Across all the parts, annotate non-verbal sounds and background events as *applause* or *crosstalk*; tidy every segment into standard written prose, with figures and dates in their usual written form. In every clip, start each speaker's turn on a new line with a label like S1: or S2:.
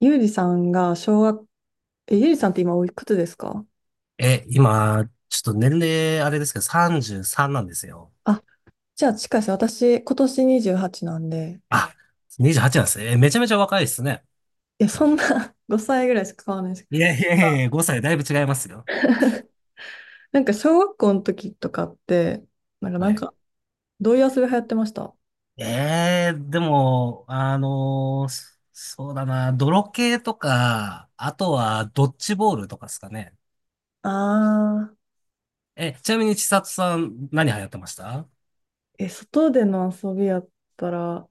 S1: ゆうりさんが小学、ゆうりさんって今おいくつですか？
S2: 今、ちょっと年齢あれですけど、33なんですよ。
S1: あ、じゃあ近いです。私、今年28なんで、
S2: あ、28なんですね。めちゃめちゃ若いですね。
S1: いや、そんな *laughs* 5歳ぐらいしか変わらないですけ
S2: い
S1: ど、
S2: やいやいやごさい5歳だいぶ違いますよ。
S1: なんか小学校の時とかって、なんか、な
S2: は
S1: ん
S2: い。
S1: かどういう遊び流行ってました？
S2: でも、そうだな、泥系とか、あとはドッジボールとかですかね。
S1: あ
S2: ちなみに千里さん、何流行ってました？
S1: 外での遊びやったら、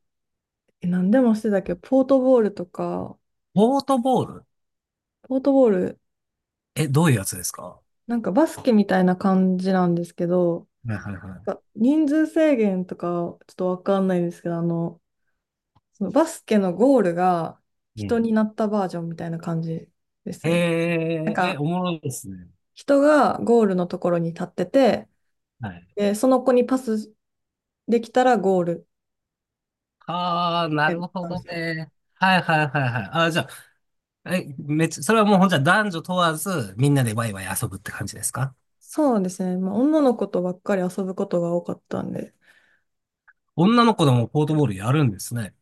S1: 何でもしてたけど、ポートボールとか、
S2: ボートボール？
S1: ポートボール、
S2: どういうやつですか？は
S1: なんかバスケみたいな感じなんですけど、
S2: いはいは
S1: 人数制限とか、ちょっとわかんないんですけど、そのバスケのゴールが
S2: い。う
S1: 人
S2: ん。
S1: になったバージョンみたいな感じですね。なんか
S2: おもろいですね。
S1: 人がゴールのところに立ってて、
S2: はい。
S1: で、その子にパスできたらゴール
S2: ああ、な
S1: みたい
S2: る
S1: な
S2: ほ
S1: 感
S2: ど
S1: じ。
S2: ね。はいはいはいはい。ああ、じゃあ、めっちゃ、それはもうほんじゃ男女問わず、みんなでワイワイ遊ぶって感じですか？
S1: そうですね。まあ、女の子とばっかり遊ぶことが多かったんで、
S2: 女の子でもポー
S1: え
S2: ト
S1: っ
S2: ボ
S1: と
S2: ールやるんですね。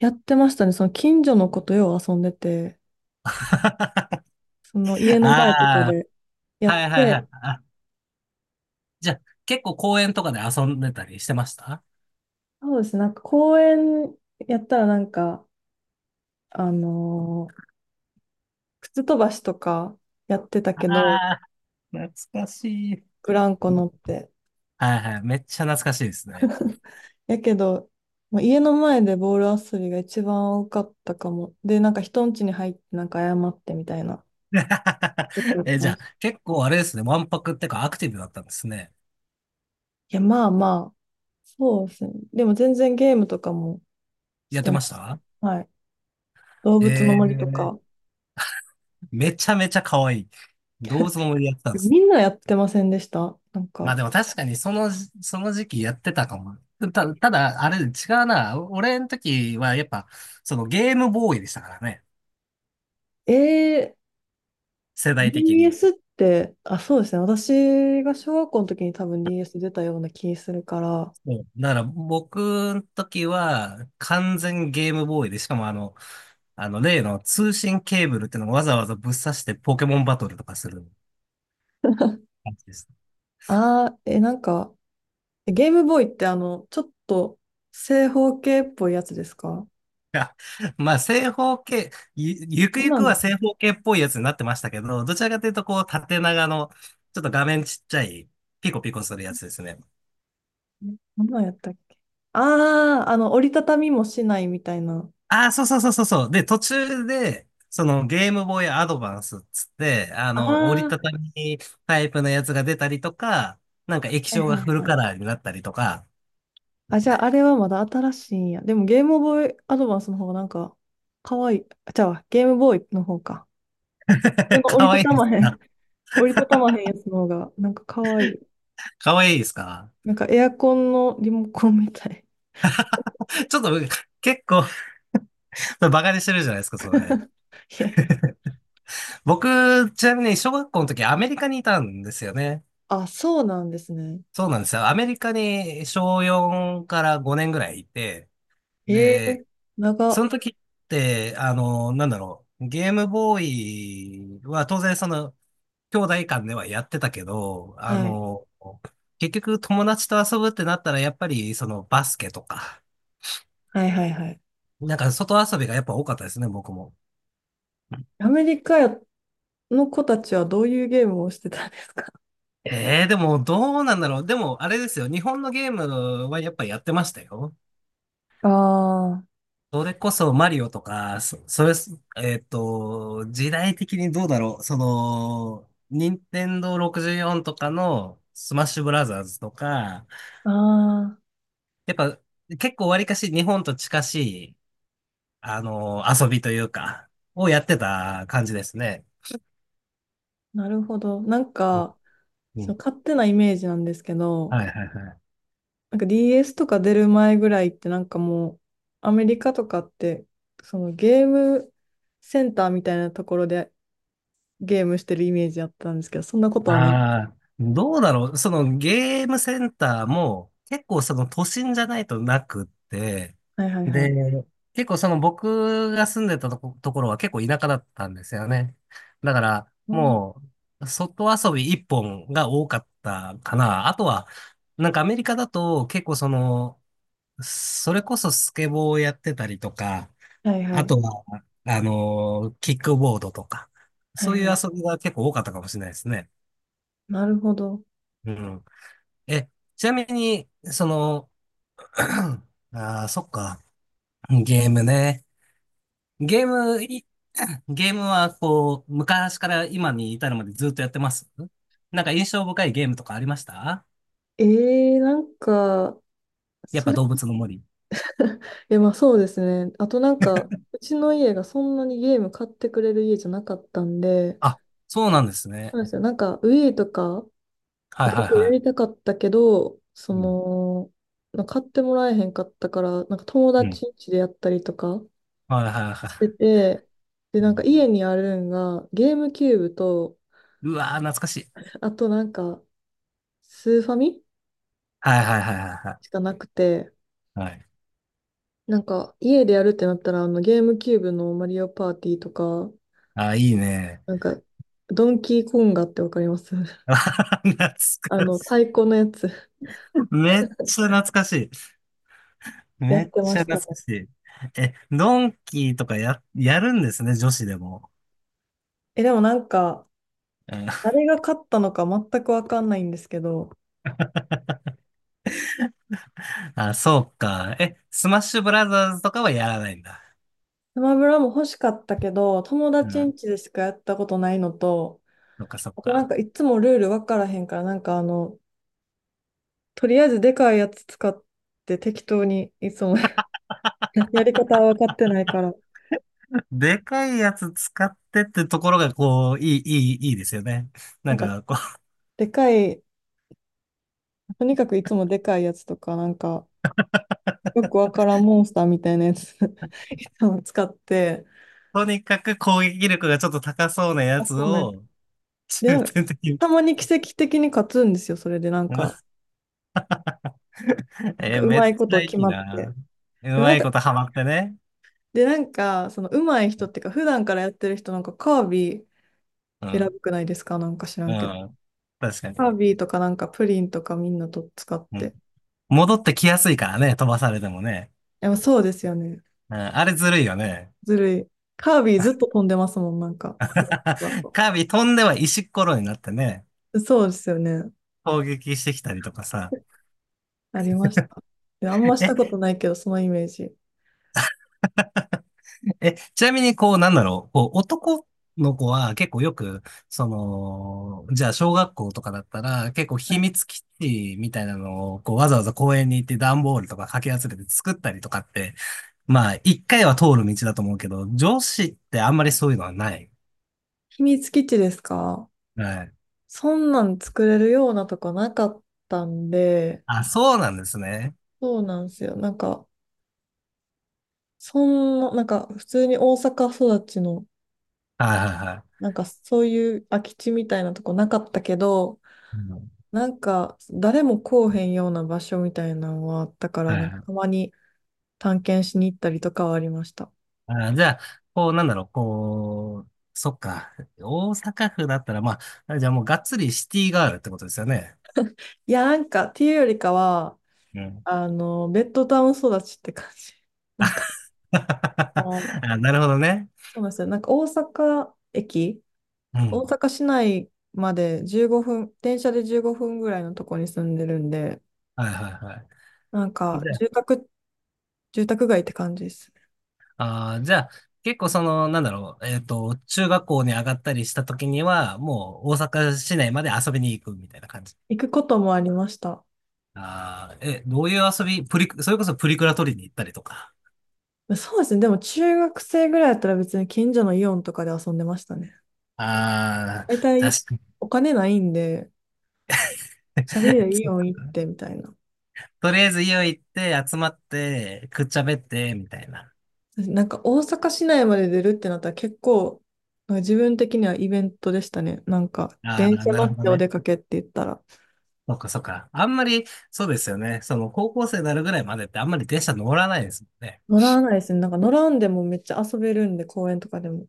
S1: やってましたね。その近所の子とよう遊んでて、
S2: *laughs*
S1: その家の前とか
S2: ああ、
S1: でやっ
S2: はいはいは
S1: て、
S2: い。あ、じゃあ、結構公園とかで遊んでたりしてました？
S1: そうですね。なんか公園やったらなんか、あのー靴飛ばしとかやってた
S2: あ
S1: けど、
S2: あー、懐かしい。
S1: ブランコ乗って。
S2: はいはい。めっちゃ懐かしいですね。
S1: *laughs* やけど、まあ、家の前でボール遊びが一番多かったかも。で、なんか人ん家に入ってなんか謝ってみたいな。よくや
S2: *laughs*
S1: って
S2: じゃ
S1: ま
S2: あ、
S1: した。
S2: 結構あれですね。わんぱくってかアクティブだったんですね。
S1: いや、まあまあ、そうですね。でも全然ゲームとかもし
S2: やって
S1: てま
S2: まし
S1: した。
S2: た？
S1: はい。動物の森と
S2: ええ、
S1: か。
S2: めちゃめちゃ可愛い。どうぞもやってたんです？
S1: みんなやってませんでしたなん
S2: まあ
S1: か、
S2: でも確かにその時期やってたかも。ただ、あれ違うな。俺の時はやっぱ、そのゲームボーイでしたからね。
S1: えー、
S2: 世代的に。
S1: DBS って、あ、そうですね。私が小学校の時に多分 DS 出たような気するから、
S2: そうだから僕の時は完全ゲームボーイで、しかもあの例の通信ケーブルっていうのをわざわざぶっ刺してポケモンバトルとかする感じです。
S1: なんか、ゲームボーイってちょっと正方形っぽいやつですか？
S2: *laughs* やまあ、正方形、ゆく
S1: 何
S2: ゆ
S1: な
S2: く
S1: んで
S2: は
S1: すか
S2: 正方形っぽいやつになってましたけど、どちらかというと、こう、縦長の、ちょっと画面ちっちゃい、ピコピコするやつですね。
S1: ね。何なんやったっけ。ああー、折りたたみもしないみたいな。
S2: ああ、そうそうそうそうそう。で、途中で、そのゲームボーイアドバンスっつって、あ
S1: ああ、
S2: の、折りた
S1: は
S2: たみタイプのやつが出たりとか、なんか液
S1: い
S2: 晶が
S1: は
S2: フ
S1: い
S2: ル
S1: はい。
S2: カラーになったりとか、
S1: あ、じゃああれはまだ新しいんや。でもゲームボーイアドバンスの方がなんか、かわいい。あ、じゃあゲームボーイの方か。なん
S2: *laughs*
S1: か
S2: か
S1: 折り
S2: わ
S1: た
S2: いい
S1: た
S2: で
S1: ま
S2: す。
S1: へん。*laughs* 折りたたまへんやつの方が、なんかかわいい。
S2: かわいいですか？
S1: なんかエアコンのリモコンみたい。
S2: ちょっと結構、バカにしてるじゃないですか、それ。
S1: *laughs* いやいや。
S2: 僕、ちなみに小学校の時アメリカにいたんですよね。
S1: あ、そうなんですね。
S2: そうなんですよ。アメリカに小4から5年ぐらいいて、
S1: え
S2: で、
S1: え
S2: その
S1: 長。
S2: 時って、あの、なんだろう、ゲームボーイは当然その、兄弟間ではやってたけど、あ
S1: はい。
S2: の、結局友達と遊ぶってなったら、やっぱりそのバスケとか、
S1: はいはいはい。
S2: なんか外遊びがやっぱ多かったですね、僕も。
S1: アメリカの子たちはどういうゲームをしてたんですか？
S2: でもどうなんだろう。でもあれですよ、日本のゲームはやっぱやってましたよ。
S1: あ
S2: それこそマリオとか、それ、時代的にどうだろう。その、任天堂64とかのスマッシュブラザーズとか、
S1: あああ、
S2: やっぱ結構わりかし日本と近しい、あの、遊びというか、をやってた感じですね。
S1: なるほど。なん
S2: うん。
S1: か、
S2: う
S1: そ
S2: ん。
S1: の勝手なイメージなんですけど、
S2: はいはいはい。
S1: なんか DS とか出る前ぐらいってなんかもう、アメリカとかって、そのゲームセンターみたいなところでゲームしてるイメージあったんですけど、そんなことはない。
S2: ああ、どうだろう。そのゲームセンターも結構その都心じゃないとなくって、
S1: はいはいはい。
S2: で、結構その僕が住んでたところは結構田舎だったんですよね。だから
S1: うん
S2: もう外遊び一本が多かったかな。あとは、なんかアメリカだと結構その、それこそスケボーをやってたりとか、
S1: はいは
S2: あ
S1: い。
S2: とは、あの、キックボードとか、
S1: は
S2: そ
S1: い
S2: うい
S1: は
S2: う
S1: い。
S2: 遊びが結構多かったかもしれないですね。
S1: なるほど。
S2: うん。え、ちなみに、その、*clears throat* ああ、そっか。ゲームね。ゲーム、い *clears throat* ゲームはこう、昔から今に至るまでずっとやってます？なんか印象深いゲームとかありました？
S1: えなんか、
S2: やっ
S1: そ
S2: ぱ
S1: れ
S2: 動物の森。
S1: え、まあそうですね。あとなんか、うちの家がそんなにゲーム買ってくれる家じゃなかったんで、
S2: あ、そうなんです
S1: そう
S2: ね。
S1: なんですよ。なんか、ウィーとか
S2: はい
S1: 結
S2: はい
S1: 構
S2: は
S1: やり
S2: い。
S1: たかったけど、
S2: うん。
S1: なんか買ってもらえへんかったから、なんか友
S2: うん。
S1: 達ん家でやったりとか
S2: はいはいは
S1: して
S2: い。
S1: て、で、
S2: う
S1: なんか
S2: ん。
S1: 家にあるんが、ゲームキューブと、
S2: うわー、懐かしい。
S1: あとなんか、スーファミ
S2: はいはいはいは
S1: しかなくて、
S2: いはい。はい。
S1: なんか、家でやるってなったら、ゲームキューブのマリオパーティーとか、
S2: あー、いいね。
S1: なんか、ドンキーコンガってわかります？
S2: *laughs* 懐かし
S1: 太鼓のやつ *laughs*
S2: い。めっちゃ懐かしい。
S1: や
S2: め
S1: っ
S2: っ
S1: てま
S2: ちゃ
S1: した
S2: 懐か
S1: ね。
S2: しい。ドンキーとかやるんですね、女子でも？
S1: え、でもなんか、
S2: うん。
S1: 誰が勝ったのか全くわかんないんですけど、
S2: *laughs* あ、そうか。スマッシュブラザーズとかはやらないんだ。
S1: スマブラも欲しかったけど、友
S2: う
S1: 達ん
S2: ん。
S1: 家でしかやったことないのと、
S2: そっかそっ
S1: あとなん
S2: か。
S1: かいつもルールわからへんから、なんかとりあえずでかいやつ使って適当にいつも *laughs* やり方は分かってないから、
S2: でかいやつ使ってってところが、こう、いい、いい、いいですよね。な
S1: な
S2: ん
S1: んか
S2: か、こう、
S1: でかい、とにかくいつもでかいやつとか、なんかよくわからんモンスターみたいなやつ *laughs* いつも使って、
S2: とにかく攻撃力がちょっと高そうなや
S1: あ
S2: つ
S1: とね、
S2: を、
S1: で、な
S2: 重
S1: んか
S2: 点的に。
S1: たまに奇跡的に勝つんですよ、それでなんか、
S2: *laughs*
S1: なんかう
S2: め
S1: ま
S2: っ
S1: い
S2: ち
S1: こ
S2: ゃ
S1: と
S2: い
S1: 決
S2: い
S1: まって。
S2: な。う
S1: でもな
S2: ま
S1: ん
S2: い
S1: か、
S2: ことハマってね。
S1: で、なんか、そのうまい人っていうか、普段からやってる人なんかカービィ
S2: う
S1: 選
S2: ん。
S1: ぶくないですか？なんか知ら
S2: う
S1: んけど。
S2: ん。確かに。
S1: カービィとかなんかプリンとかみんなと使って。
S2: 戻ってきやすいからね、飛ばされてもね。
S1: でもそうですよね。
S2: うん、あれずるいよね。
S1: ずるい。カービィずっと飛んでますもん、なんか。ふわふわ
S2: *laughs*
S1: と
S2: カービィ飛んでは石っころになってね、
S1: そうですよね。
S2: 攻撃してきたりとかさ。
S1: ありました。いやあんましたこ
S2: え、
S1: とないけど、そのイメージ。
S2: ちなみにこう、なんだろう、こう、男の子は結構よく、その、じゃあ小学校とかだったら、結構
S1: は
S2: 秘
S1: い。
S2: 密基地みたいなのを、こう、わざわざ公園に行って段ボールとかかき集めて作ったりとかって、まあ、一回は通る道だと思うけど、女子ってあんまりそういうのはない？
S1: 秘密基地ですか？
S2: はい。
S1: そんなん作れるようなとこなかったんで、
S2: あ、そうなんですね。
S1: そうなんですよ。なんか、そんな、なんか普通に大阪育ちの、
S2: はいはいは
S1: なんかそういう空き地みたいなとこなかったけど、
S2: い。うん。
S1: なんか誰も来おへんような場所みたいなのはあったから、
S2: はい
S1: なんか
S2: は
S1: た
S2: い。
S1: まに探検しに行ったりとかはありました。
S2: あー、じゃあ、こう、なんだろう、こう、そっか。大阪府だったら、まあ、じゃあもうがっつりシティガールってことですよね。
S1: いや、なんかっていうよりかは、
S2: うん。
S1: ベッドタウン育ちって感じ。なんか、
S2: *laughs*
S1: あの
S2: あ、なるほどね。
S1: そうなんですよ。なんか大阪駅
S2: う
S1: 大
S2: ん。
S1: 阪市内まで15分、電車で15分ぐらいのとこに住んでるんで、
S2: はいはいは
S1: なん
S2: い。
S1: か
S2: じゃ
S1: 住宅街って感じですね。
S2: あ、あー、じゃあ、結構その、なんだろう、中学校に上がったりした時には、もう大阪市内まで遊びに行くみたいな感じ。
S1: 行くこともありました。
S2: ああ、どういう遊び、プリク、それこそプリクラ取りに行ったりとか。
S1: そうですね。でも中学生ぐらいだったら別に近所のイオンとかで遊んでましたね。
S2: ああ、
S1: 大体
S2: 確かに。
S1: お金ないんで、チャリでイオン
S2: *laughs*
S1: 行ってみたいな。
S2: とりあえず家を行って集まってくっちゃべってみたいな。
S1: なんか大阪市内まで出るってなったら結構、なんか自分的にはイベントでしたね。なんか
S2: あ
S1: 電
S2: あ、
S1: 車
S2: な
S1: 乗
S2: る
S1: っ
S2: ほど
S1: てお
S2: ね。
S1: 出かけって言ったら。
S2: そっかそっか。あんまり、そうですよね。その高校生になるぐらいまでってあんまり電車乗らないですもんね。
S1: 乗らないですね。なんか乗らんでもめっちゃ遊べるんで、公園とかでも。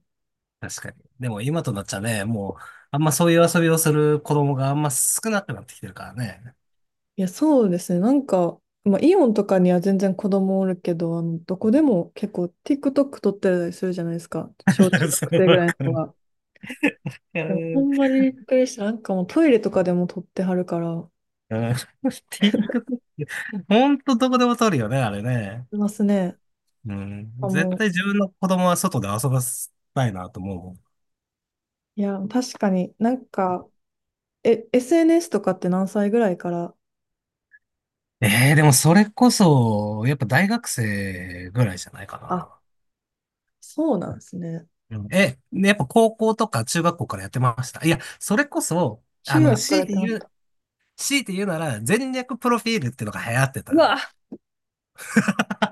S2: 確かに。でも今となっちゃね、もう、あんまそういう遊びをする子供があんま少なくなってきてるからね。
S1: いや、そうですね。なんか、まあ、イオンとかには全然子供おるけど、どこでも結構 TikTok 撮ってたりするじゃないですか。小中
S2: *laughs* そ
S1: 学
S2: う
S1: 生ぐら
S2: わ
S1: いの
S2: か
S1: 子
S2: る。
S1: が。
S2: う
S1: でも、ほ
S2: ん。
S1: んまにびっくりした。なんかもうトイレとかでも撮ってはるから、
S2: うん。 TikTok *laughs*、ほんとどこでも撮るよね、あれね。
S1: いますね。
S2: う
S1: あ、
S2: ん。
S1: も
S2: 絶
S1: う、
S2: 対自分の子供は外で遊ばせたいなと思うもん。
S1: いや、確かになんか、SNS とかって何歳ぐらいから、
S2: えでもそれこそ、やっぱ大学生ぐらいじゃないか
S1: あ、
S2: な。
S1: そうなんですね。
S2: うん。やっぱ高校とか中学校からやってました。いや、それこそ、あ
S1: 中
S2: の、
S1: 学からやってました。
S2: 強いて言うなら、全略プロフィールっていうのが流行って
S1: う
S2: た。
S1: わ、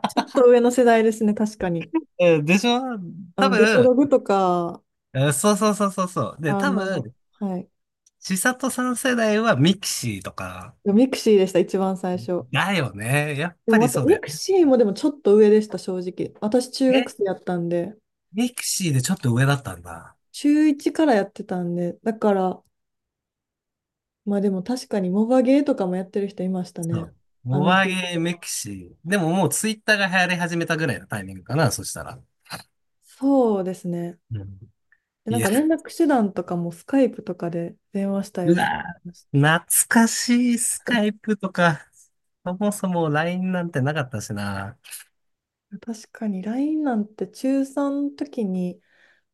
S1: ちょっと上の世代ですね、確かに。
S2: でしょ？多
S1: デコロ
S2: 分、
S1: グとか、
S2: そうそうそうそうそう。で、多分、
S1: はい。
S2: 千里さん世代はミクシーとか、
S1: ミクシーでした、一番最初。
S2: だよね。やっ
S1: で
S2: ぱ
S1: も、
S2: りそうだ
S1: ミ
S2: よ
S1: ク
S2: ね。
S1: シーもでもちょっと上でした、正直。私、中学
S2: え、
S1: 生やったんで、
S2: ミクシーでちょっと上だったんだ。
S1: 中1からやってたんで、だから、まあでも確かに、モバゲーとかもやってる人いました
S2: そ
S1: ね。
S2: う。
S1: ア
S2: モ
S1: メ
S2: バ
S1: ピ
S2: ゲー
S1: と
S2: メ
S1: か。
S2: キシー。でももうツイッターが流行り始めたぐらいのタイミングかな、そしたら。
S1: そうですね。
S2: うん。
S1: で、な
S2: い
S1: ん
S2: や、
S1: か連絡手段とかもスカイプとかで電話したり
S2: う
S1: とかし
S2: わ
S1: まし
S2: ー、懐かしいスカイプとか、そもそも LINE なんてなかったしな。
S1: た。確かに LINE なんて中3の時に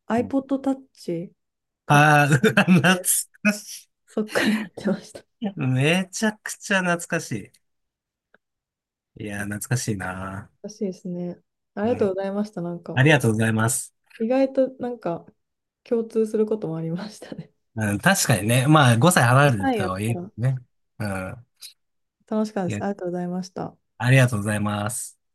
S1: iPod
S2: あ
S1: Touch 買っ
S2: あー、うわ懐
S1: て、
S2: かし
S1: そっからやってました。
S2: い。めちゃくちゃ懐かしい。いやー、懐かしいな。
S1: らしいですね。ありが
S2: う
S1: と
S2: ん。
S1: うございました。なん
S2: あ
S1: か、
S2: りがとうございます。
S1: 意外となんか共通することもありましたね。
S2: うん、確かにね。まあ、5歳離れ
S1: *laughs*
S2: てる
S1: はい、や
S2: と
S1: っ
S2: はい
S1: た
S2: え
S1: ら。
S2: ね。うん。
S1: 楽しかったで
S2: い
S1: す。
S2: や、
S1: ありがとうございました。
S2: ありがとうございます。